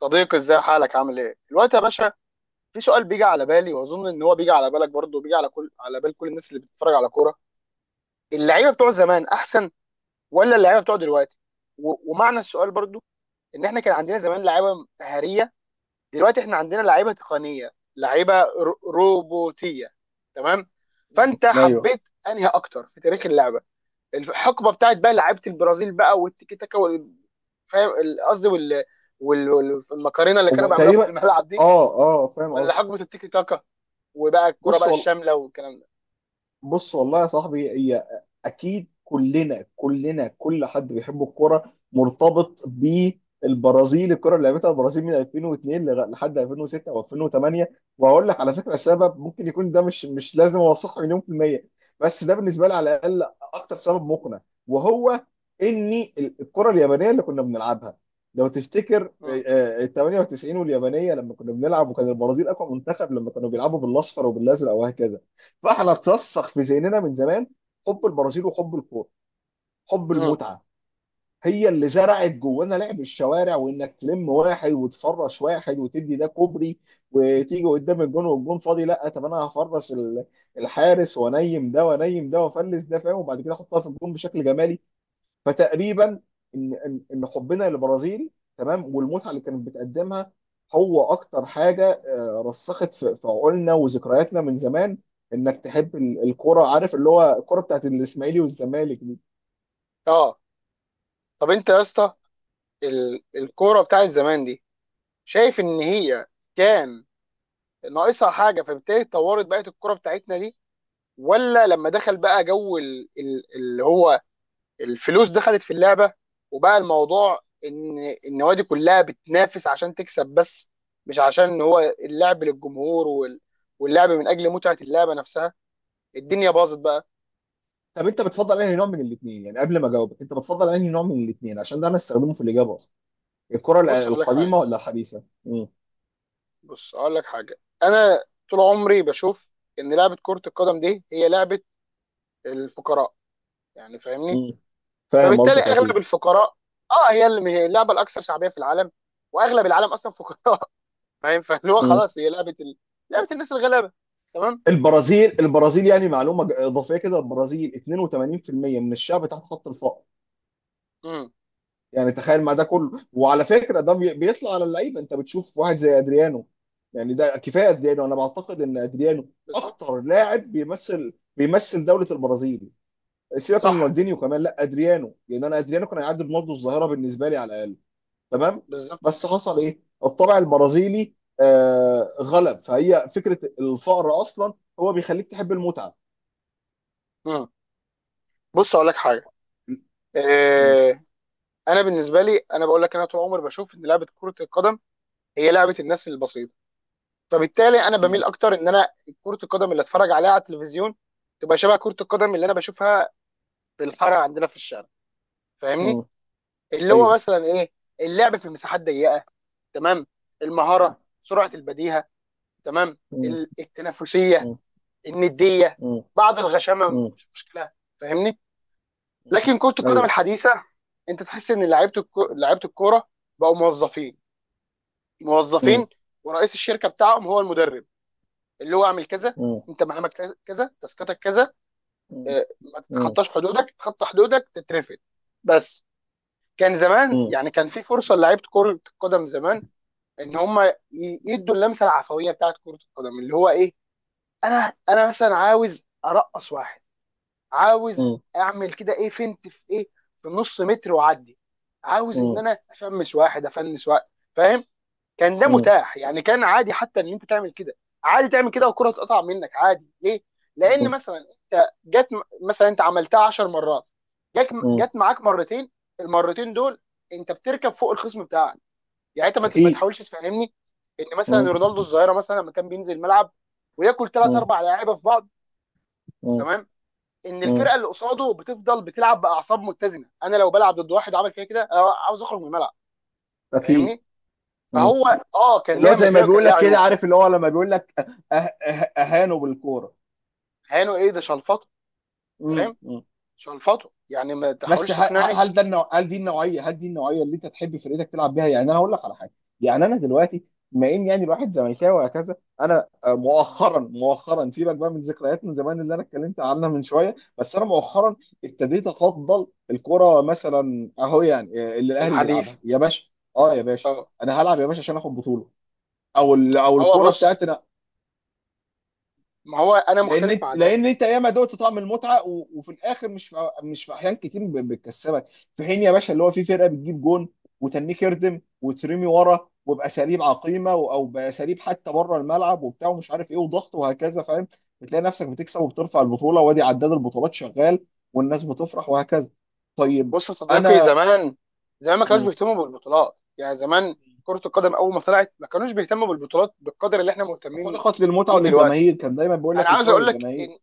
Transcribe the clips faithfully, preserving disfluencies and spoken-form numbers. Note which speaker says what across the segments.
Speaker 1: صديقي، ازاي حالك؟ عامل ايه؟ الوقت يا باشا. في سؤال بيجي على بالي، واظن ان هو بيجي على بالك برضه، بيجي على كل على بال كل الناس اللي بتتفرج على كوره. اللعيبه بتوع زمان احسن ولا اللعيبه بتوع دلوقتي؟ و... ومعنى السؤال برضه، ان احنا كان عندنا زمان لعيبه مهاريه، دلوقتي احنا عندنا لعيبه تقنيه، لعيبه ر... روبوتيه. تمام؟
Speaker 2: مم.
Speaker 1: فانت
Speaker 2: ايوه.
Speaker 1: حبيت انهي اكتر في تاريخ اللعبه؟ الحقبه بتاعت بقى لعيبه البرازيل بقى والتيكي تاكا وال- فاهم ال- قصدي وال... وال... والمكرونه اللي
Speaker 2: هو
Speaker 1: كانوا بيعملوها في
Speaker 2: تقريبا،
Speaker 1: الملعب دي،
Speaker 2: اه اه فاهم
Speaker 1: ولا
Speaker 2: قصدي.
Speaker 1: حقبه التيكي تاكا وبقى الكوره
Speaker 2: بص
Speaker 1: بقى
Speaker 2: هو
Speaker 1: الشامله والكلام ده؟
Speaker 2: بص والله يا صاحبي، هي اكيد كلنا كلنا، كل حد بيحب الكوره مرتبط بالبرازيل. الكره اللي لعبتها البرازيل من ألفين واثنين لغ- لحد ألفين وستة وألفين وتمانية. وهقول لك على فكره سبب ممكن يكون ده، مش مش لازم اوثقه مليون في الميه، بس ده بالنسبه لي على الاقل اكتر سبب مقنع. وهو ان ال- الكره اليابانيه اللي كنا بنلعبها، لو تفتكر
Speaker 1: امم.
Speaker 2: ال تمانية وتسعين واليابانيه لما كنا بنلعب، وكان البرازيل اقوى منتخب لما كانوا بيلعبوا بالاصفر وبالازرق وهكذا. فاحنا اترسخ في ذهننا من زمان حب البرازيل وحب الكوره، حب
Speaker 1: امم.
Speaker 2: المتعه، هي اللي زرعت جوانا لعب الشوارع، وانك تلم واحد وتفرش واحد وتدي ده كوبري، وتيجي قدام الجون والجون فاضي. لا طب، انا هفرش ال- الحارس، وانيم ده وانيم ده وافلس ده، فاهم، وبعد كده احطها في الجون بشكل جمالي. فتقريبا ان ان ان حبنا للبرازيل، تمام، والمتعه اللي كانت بتقدمها، هو اكتر حاجه آه، رسخت في في عقولنا وذكرياتنا من زمان. انك تحب ال- الكرة، عارف، اللي هو الكرة بتاعت الاسماعيلي والزمالك دي.
Speaker 1: اه. طب انت يا اسطى، ال- الكوره بتاعت زمان دي، شايف ان هي كان ناقصها حاجه فبالتالي اتطورت بقت الكوره بتاعتنا دي، ولا لما دخل بقى جو ال- ال- اللي هو الفلوس دخلت في اللعبه، وبقى الموضوع ان النوادي كلها بتنافس عشان تكسب بس، مش عشان ان هو اللعب للجمهور وال- واللعب من اجل متعه اللعبه نفسها؟ الدنيا باظت بقى.
Speaker 2: طب انت بتفضل انهي نوع من الاثنين؟ يعني قبل ما اجاوبك، انت بتفضل انهي نوع من الاثنين عشان ده انا استخدمه في الاجابه اصلا، الكرة ال-
Speaker 1: بص اقول لك حاجه
Speaker 2: القديمه ولا الحديثه؟ مم.
Speaker 1: بص اقول لك حاجه انا طول عمري بشوف ان لعبه كره القدم دي هي لعبه الفقراء. يعني فاهمني،
Speaker 2: مم. فاهم
Speaker 1: فبالتالي
Speaker 2: قصدك،
Speaker 1: اغلب
Speaker 2: اكيد.
Speaker 1: الفقراء، اه، هي اللي هي اللعبه الاكثر شعبيه في العالم، واغلب العالم اصلا فقراء. فاهم، فاللي هو
Speaker 2: مم.
Speaker 1: خلاص، هي لعبه ال... لعبه الناس الغلابه. تمام؟
Speaker 2: البرازيل البرازيل، يعني معلومه ج- اضافيه كده، البرازيل اتنين وتمانين في المية من الشعب تحت خط الفقر.
Speaker 1: امم.
Speaker 2: يعني تخيل مع ده كله، وعلى فكره ده بي- بيطلع على اللعيبه، انت بتشوف واحد زي ادريانو. يعني ده كفايه ادريانو، انا بعتقد ان ادريانو
Speaker 1: بالظبط.
Speaker 2: اخطر لاعب بيمثل بيمثل دوله البرازيل. سيبك من
Speaker 1: صح.
Speaker 2: رونالدينيو كمان، لا، ادريانو، لان انا ادريانو كان هيعدي برونالدو الظاهره بالنسبه لي على الاقل. تمام.
Speaker 1: بالظبط.
Speaker 2: بس حصل ايه؟ الطبع البرازيلي آه غلب، فهي فكره الفقر اصلا هو بيخليك تحب المتعه.
Speaker 1: امم. بص اقول لك حاجه،
Speaker 2: م-
Speaker 1: آه انا بالنسبه لي، انا بقول لك، انا طول عمري بشوف ان لعبه كره القدم هي لعبه الناس البسيطه، فبالتالي انا
Speaker 2: م-
Speaker 1: بميل اكتر ان انا كره القدم اللي اتفرج عليها على التلفزيون تبقى شبه كره القدم اللي انا بشوفها في الحاره عندنا في الشارع. فاهمني،
Speaker 2: م-
Speaker 1: اللي هو
Speaker 2: ايوه.
Speaker 1: مثلا ايه؟ اللعب في مساحات ضيقه، تمام؟
Speaker 2: م-
Speaker 1: المهاره، سرعه البديهه، تمام؟
Speaker 2: م-
Speaker 1: ال- التنافسيه،
Speaker 2: م-
Speaker 1: النديه،
Speaker 2: م-
Speaker 1: بعض الغشامه مش مشكله. فاهمني؟
Speaker 2: م-
Speaker 1: لكن كره القدم
Speaker 2: ايوه.
Speaker 1: الحديثه، انت تحس ان لعيبه الكو- لعيبه الكوره بقوا موظفين
Speaker 2: مم.
Speaker 1: موظفين ورئيس الشركه بتاعهم هو المدرب، اللي هو اعمل كذا،
Speaker 2: مم.
Speaker 1: انت مهامك كذا كذا، تاسكاتك كذا،
Speaker 2: مم.
Speaker 1: آه، ما
Speaker 2: مم.
Speaker 1: تتخطاش حدودك، تتخطى حدودك تترفد. بس. كان زمان،
Speaker 2: مم.
Speaker 1: يعني كان في فرصه لعيبه كره القدم زمان، ان هم ي- يدوا اللمسه العفويه بتاعت كره القدم، اللي هو ايه؟ انا، انا مثلا عاوز ارقص واحد، عاوز
Speaker 2: مم.
Speaker 1: اعمل كده، ايه فنت في ايه، في نص متر واعدي، عاوز ان
Speaker 2: مم.
Speaker 1: انا افمس واحد افنس واحد. فاهم؟ كان ده
Speaker 2: مم.
Speaker 1: متاح، يعني كان عادي حتى ان انت تعمل كده، عادي تعمل كده والكره تقطع منك عادي. ليه؟ لان
Speaker 2: مم.
Speaker 1: مثلا انت جت، مثلا انت عملتها 10 مرات، جت جت
Speaker 2: مم.
Speaker 1: معاك مرتين، المرتين دول انت بتركب فوق الخصم بتاعك. يعني انت ما ت- ما
Speaker 2: اكيد.
Speaker 1: تحاولش تفهمني ان مثلا
Speaker 2: مم.
Speaker 1: رونالدو الظاهره مثلا لما كان بينزل الملعب وياكل ثلاث
Speaker 2: مم.
Speaker 1: اربع لعيبه في بعض،
Speaker 2: مم.
Speaker 1: تمام؟ ان الفرقه
Speaker 2: مم.
Speaker 1: اللي قصاده بتفضل بتلعب باعصاب متزنه؟ انا لو بلعب ضد واحد عمل فيها كده أنا عاوز اخرج من الملعب.
Speaker 2: اكيد.
Speaker 1: فاهمني؟
Speaker 2: مم.
Speaker 1: فهو، اه كان
Speaker 2: اللي هو
Speaker 1: ليها
Speaker 2: زي ما
Speaker 1: مزايا وكان
Speaker 2: بيقول
Speaker 1: لها
Speaker 2: لك كده،
Speaker 1: عيوب.
Speaker 2: عارف، اللي هو لما بيقول لك، أه أه اهانوا بالكوره.
Speaker 1: هانوا ايه، ده شلفطه. فاهم؟
Speaker 2: مم.
Speaker 1: شلفطه، يعني ما
Speaker 2: بس ه-
Speaker 1: تحاولش
Speaker 2: ه-
Speaker 1: تقنعني.
Speaker 2: هل ده النوع... هل دي النوعيه هل دي النوعيه اللي انت تحب فرقتك تلعب بيها؟ يعني انا هقول لك على حاجه. يعني انا دلوقتي، بما ان يعني الواحد زملكاوي وهكذا، انا آه، مؤخرا مؤخرا، سيبك بقى من ذكريات من زمان اللي انا اتكلمت عنها من شويه، بس انا مؤخرا ابتديت افضل الكره مثلا اهو، يعني آه، اللي الاهلي
Speaker 1: الحديث.
Speaker 2: بيلعبها يا باشا. اه يا باشا.
Speaker 1: اه
Speaker 2: انا هلعب يا باشا عشان اخد بطوله. او ال... او
Speaker 1: هو
Speaker 2: الكوره بتاعت،
Speaker 1: بص، ما هو انا
Speaker 2: لان
Speaker 1: مختلف
Speaker 2: انت
Speaker 1: مع ده.
Speaker 2: لان انت ياما دقت طعم المتعه، و... وفي الاخر مش في... مش في احيان كتير ب... بتكسبك، في حين يا باشا اللي هو في فرقه بتجيب جون وتنيك يردم وترمي ورا وباساليب عقيمه، و... او باساليب حتى بره الملعب وبتاع ومش عارف ايه وضغط وهكذا، فاهم، بتلاقي نفسك بتكسب وبترفع البطوله، وادي عداد البطولات شغال والناس بتفرح وهكذا. طيب.
Speaker 1: بص يا صديقي،
Speaker 2: انا
Speaker 1: زمان، زمان ما كانوش
Speaker 2: م-
Speaker 1: بيهتموا بالبطولات. يعني زمان كرة القدم اول ما طلعت ما كانوش بيهتموا بالبطولات بالقدر اللي احنا مهتمين
Speaker 2: خلقت للمتعه
Speaker 1: بيه دلوقتي.
Speaker 2: وللجماهير، كان دايما بيقول
Speaker 1: انا
Speaker 2: لك
Speaker 1: عاوز
Speaker 2: الكره
Speaker 1: اقول لك
Speaker 2: للجماهير.
Speaker 1: ان،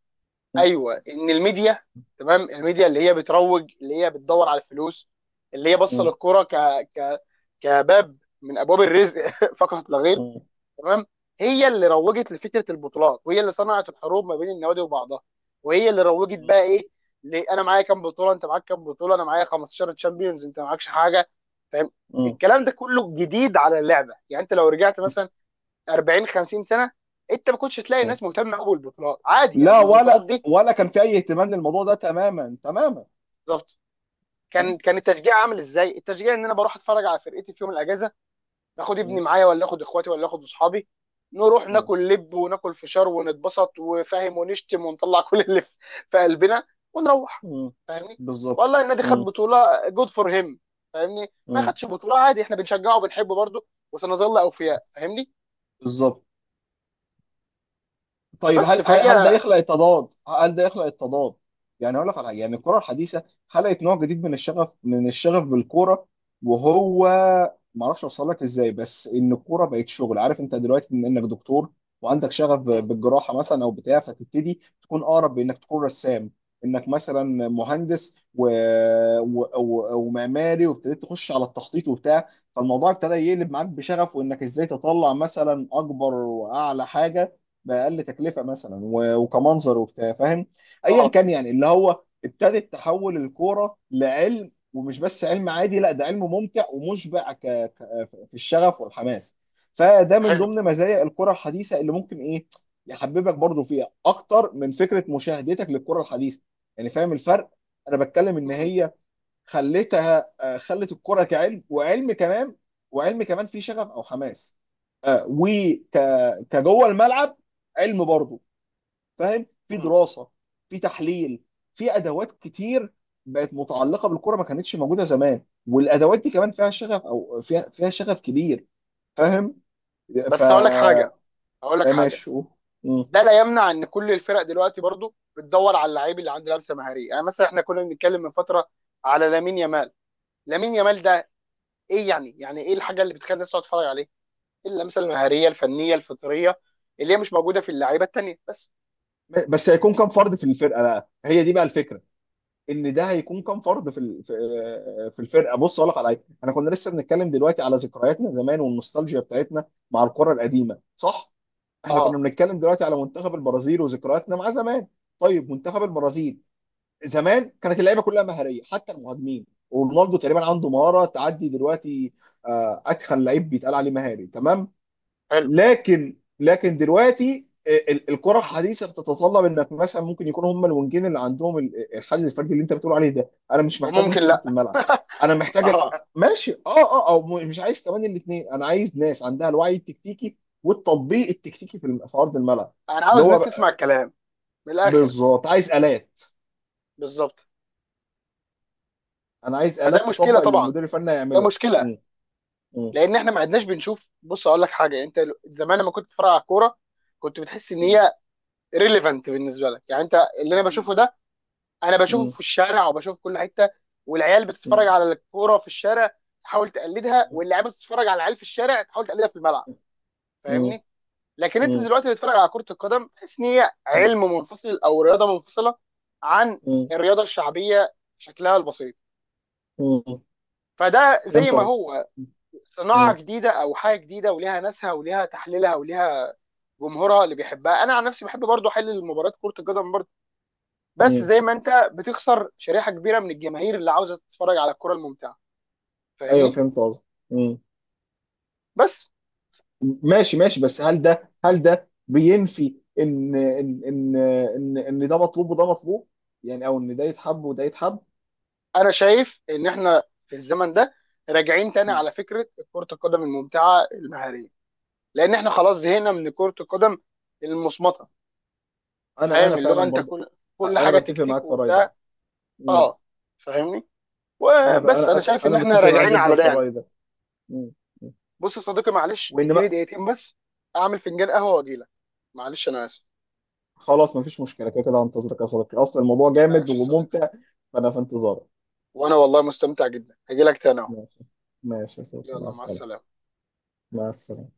Speaker 2: م-
Speaker 1: ايوه، ان الميديا، تمام، الميديا اللي هي بتروج، اللي هي بتدور على الفلوس، اللي هي باصه
Speaker 2: م-
Speaker 1: للكوره ك ك كباب من ابواب الرزق،
Speaker 2: م-
Speaker 1: فقط لا غير.
Speaker 2: م-
Speaker 1: تمام؟ هي اللي روجت لفكره البطولات، وهي اللي صنعت الحروب ما بين النوادي وبعضها، وهي اللي روجت
Speaker 2: م-
Speaker 1: بقى ايه؟ ل- انا معايا كام بطوله، انت معاك كام بطوله، انا معايا خمسة عشر تشامبيونز، انت معاكش حاجه. فاهم؟ الكلام ده كله جديد على اللعبه. يعني انت لو رجعت
Speaker 2: م-
Speaker 1: مثلا اربعين خمسين سنه، انت ما كنتش تلاقي
Speaker 2: م-
Speaker 1: الناس مهتمه قوي بالبطولات، عادي
Speaker 2: لا،
Speaker 1: يعني البطولات
Speaker 2: ولا
Speaker 1: دي.
Speaker 2: ولا كان في اي اهتمام للموضوع ده تماما تماما.
Speaker 1: بالظبط.
Speaker 2: م-
Speaker 1: كان كان التشجيع عامل ازاي؟ التشجيع ان انا بروح اتفرج على فرقتي في يوم الاجازه، اخد ابني
Speaker 2: م-
Speaker 1: معايا، ولا اخد اخواتي، ولا اخد اصحابي، نروح
Speaker 2: م-
Speaker 1: ناكل لب وناكل فشار ونتبسط وفاهم، ونشتم ونطلع كل اللي في في قلبنا، ونروح.
Speaker 2: م.
Speaker 1: فاهمني؟
Speaker 2: بالظبط.
Speaker 1: والله النادي خد
Speaker 2: م-
Speaker 1: بطوله، جود فور هيم، فاهمني؟ ما
Speaker 2: م.
Speaker 1: خدش بطوله، عادي، احنا بنشجعه وبنحبه برضه، وسنظل اوفياء. فاهمني؟
Speaker 2: بالظبط. طيب،
Speaker 1: بس
Speaker 2: هل هل هل ده
Speaker 1: فهي.
Speaker 2: يخلق التضاد؟ هل ده يخلق التضاد؟ يعني اقول لك على حاجه. يعني الكره الحديثه خلقت نوع جديد من الشغف، من الشغف بالكوره. وهو ما اعرفش اوصل لك ازاي، بس ان الكوره بقت شغل. عارف انت دلوقتي، ان انك دكتور وعندك شغف
Speaker 1: مم.
Speaker 2: ب- بالجراحه مثلا او بتاع، فتبتدي تكون اقرب بانك تكون رسام، انك مثلا مهندس و... و... و... ومعماري، وابتديت تخش على التخطيط وبتاع، فالموضوع ابتدى يقلب معاك بشغف، وانك ازاي تطلع مثلا اكبر واعلى حاجه باقل تكلفه مثلا، و- وكمنظر وبتاع، فاهم. ايا
Speaker 1: اه.
Speaker 2: كان، يعني اللي هو ابتدت تحول الكوره لعلم، ومش بس علم عادي، لا، ده علم ممتع ومشبع ك... ك... في الشغف والحماس. فده من
Speaker 1: حلو.
Speaker 2: ضمن مزايا الكره الحديثه اللي ممكن ايه، يحببك برضو فيها اكتر من فكره مشاهدتك للكره الحديثه. يعني فاهم الفرق؟ انا بتكلم ان
Speaker 1: مم.
Speaker 2: هي خلتها آه، خلت الكرة كعلم، وعلم كمان، وعلم كمان فيه شغف او حماس، آه، وك كجوه الملعب علم برضه، فاهم، في
Speaker 1: مم.
Speaker 2: دراسه، في تحليل، في ادوات كتير بقت متعلقه بالكره ما كانتش موجوده زمان، والادوات دي كمان فيها شغف، او فيها فيها شغف كبير، فاهم. ف
Speaker 1: بس هقول لك حاجه،
Speaker 2: آه،
Speaker 1: هقول لك حاجه
Speaker 2: ماشي. أوه. مم.
Speaker 1: ده لا يمنع ان كل الفرق دلوقتي برضه بتدور على اللعيب اللي عنده لمسه مهاريه. يعني مثلا احنا كنا بنتكلم من فتره على لامين يامال. لامين يامال ده ايه يعني يعني ايه الحاجه اللي بتخلي الناس تقعد تتفرج عليه؟ إيه اللمسه المهاريه الفنيه الفطريه اللي هي مش موجوده في اللعيبه التانيه؟ بس.
Speaker 2: بس هيكون كام فرد في الفرقه بقى، هي دي بقى الفكره، ان ده هيكون كام فرد في ال- في في الفرقه. بص اقول لك على حاجه، احنا كنا لسه بنتكلم دلوقتي على ذكرياتنا زمان والنوستالجيا بتاعتنا مع الكره القديمه، صح؟ احنا كنا
Speaker 1: اه.
Speaker 2: بنتكلم دلوقتي على منتخب البرازيل وذكرياتنا مع زمان. طيب، منتخب البرازيل زمان كانت اللعيبه كلها مهاريه حتى المهاجمين، ورونالدو تقريبا عنده مهاره تعدي دلوقتي آه، اتخن لعيب بيتقال عليه مهاري، تمام.
Speaker 1: حلو.
Speaker 2: لكن لكن دلوقتي ال- ال- الكره الحديثه بتتطلب انك مثلا، ممكن يكون هم الونجين اللي عندهم ال- الحل الفردي اللي انت بتقول عليه ده، انا مش محتاجهم
Speaker 1: وممكن
Speaker 2: كتير في
Speaker 1: لا.
Speaker 2: الملعب. انا محتاج أ-
Speaker 1: اه.
Speaker 2: آه، ماشي، اه اه، او م- مش عايز كمان الاثنين، انا عايز ناس عندها الوعي التكتيكي والتطبيق التكتيكي في الم- في ارض الملعب.
Speaker 1: انا
Speaker 2: ان
Speaker 1: عاوز
Speaker 2: هو
Speaker 1: الناس
Speaker 2: بقى-
Speaker 1: تسمع الكلام من الاخر.
Speaker 2: بالظبط، عايز الات
Speaker 1: بالظبط.
Speaker 2: انا عايز
Speaker 1: فده
Speaker 2: الات
Speaker 1: مشكله
Speaker 2: تطبق اللي
Speaker 1: طبعا،
Speaker 2: المدير الفني
Speaker 1: ده
Speaker 2: هيعمله.
Speaker 1: مشكله،
Speaker 2: مم. مم.
Speaker 1: لان احنا ما عدناش بنشوف. بص اقول لك حاجه، انت زمان لما كنت بتتفرج على الكوره كنت بتحس ان
Speaker 2: مم.
Speaker 1: هي ريليفنت بالنسبه لك، يعني انت اللي انا بشوفه
Speaker 2: اكيد.
Speaker 1: ده انا بشوفه
Speaker 2: مم.
Speaker 1: في الشارع وبشوفه في كل حته، والعيال بتتفرج
Speaker 2: مم.
Speaker 1: على الكوره في الشارع تحاول تقلدها، واللعيبه بتتفرج على العيال في الشارع تحاول تقلدها في الملعب.
Speaker 2: مم.
Speaker 1: فاهمني؟ لكن انت
Speaker 2: مم.
Speaker 1: دلوقتي بتتفرج على كره القدم، تحس ان هي علم منفصل او رياضه منفصله عن
Speaker 2: مم.
Speaker 1: الرياضه الشعبيه شكلها البسيط.
Speaker 2: مم.
Speaker 1: فده زي
Speaker 2: فهمت
Speaker 1: ما
Speaker 2: قصدي.
Speaker 1: هو صناعه
Speaker 2: مم.
Speaker 1: جديده، او حاجه جديده وليها ناسها وليها تحليلها وليها جمهورها اللي بيحبها. انا عن نفسي بحب برضو احلل مباريات كره القدم برضو، بس
Speaker 2: مم.
Speaker 1: زي ما انت بتخسر شريحه كبيره من الجماهير اللي عاوزه تتفرج على الكره الممتعه.
Speaker 2: ايوه،
Speaker 1: فاهمني؟
Speaker 2: فهمت قصدي. مم.
Speaker 1: بس
Speaker 2: ماشي ماشي، بس هل ده، هل ده بينفي ان ان ان ان, إن ده مطلوب وده مطلوب، يعني، او ان ده يتحب وده يتحب.
Speaker 1: انا شايف ان احنا في الزمن ده راجعين تاني
Speaker 2: مم.
Speaker 1: على فكره كره القدم الممتعه المهاريه، لان احنا خلاص زهقنا من كره القدم المصمته.
Speaker 2: انا
Speaker 1: فاهم؟
Speaker 2: انا
Speaker 1: اللي
Speaker 2: فعلا
Speaker 1: هو انت
Speaker 2: برضه.
Speaker 1: كل كل
Speaker 2: انا
Speaker 1: حاجه
Speaker 2: بتفق
Speaker 1: تكتيك
Speaker 2: معاك في الراي ده.
Speaker 1: وبتاع.
Speaker 2: مم.
Speaker 1: اه فاهمني؟
Speaker 2: انا ف-
Speaker 1: وبس
Speaker 2: انا
Speaker 1: انا
Speaker 2: انا
Speaker 1: شايف ان
Speaker 2: أنا
Speaker 1: احنا
Speaker 2: متفق معاك
Speaker 1: راجعين
Speaker 2: جدا
Speaker 1: على ده
Speaker 2: في
Speaker 1: يعني.
Speaker 2: الراي ده. مم. مم.
Speaker 1: بص يا صديقي، معلش
Speaker 2: وان ما
Speaker 1: اديني دقيقتين بس، اعمل فنجان قهوه واجيلك. معلش انا اسف.
Speaker 2: خلاص، مفيش مشكله، كده كده هنتظرك يا صديقي اصلا، الموضوع جامد
Speaker 1: ماشي يا صديقي،
Speaker 2: وممتع. فانا في انتظارك.
Speaker 1: وانا والله مستمتع جدا، هجيلك تاني اهو.
Speaker 2: ماشي. ماشي يا صديقي، مع
Speaker 1: يلا، مع
Speaker 2: السلامه.
Speaker 1: السلامة.
Speaker 2: مع السلامه.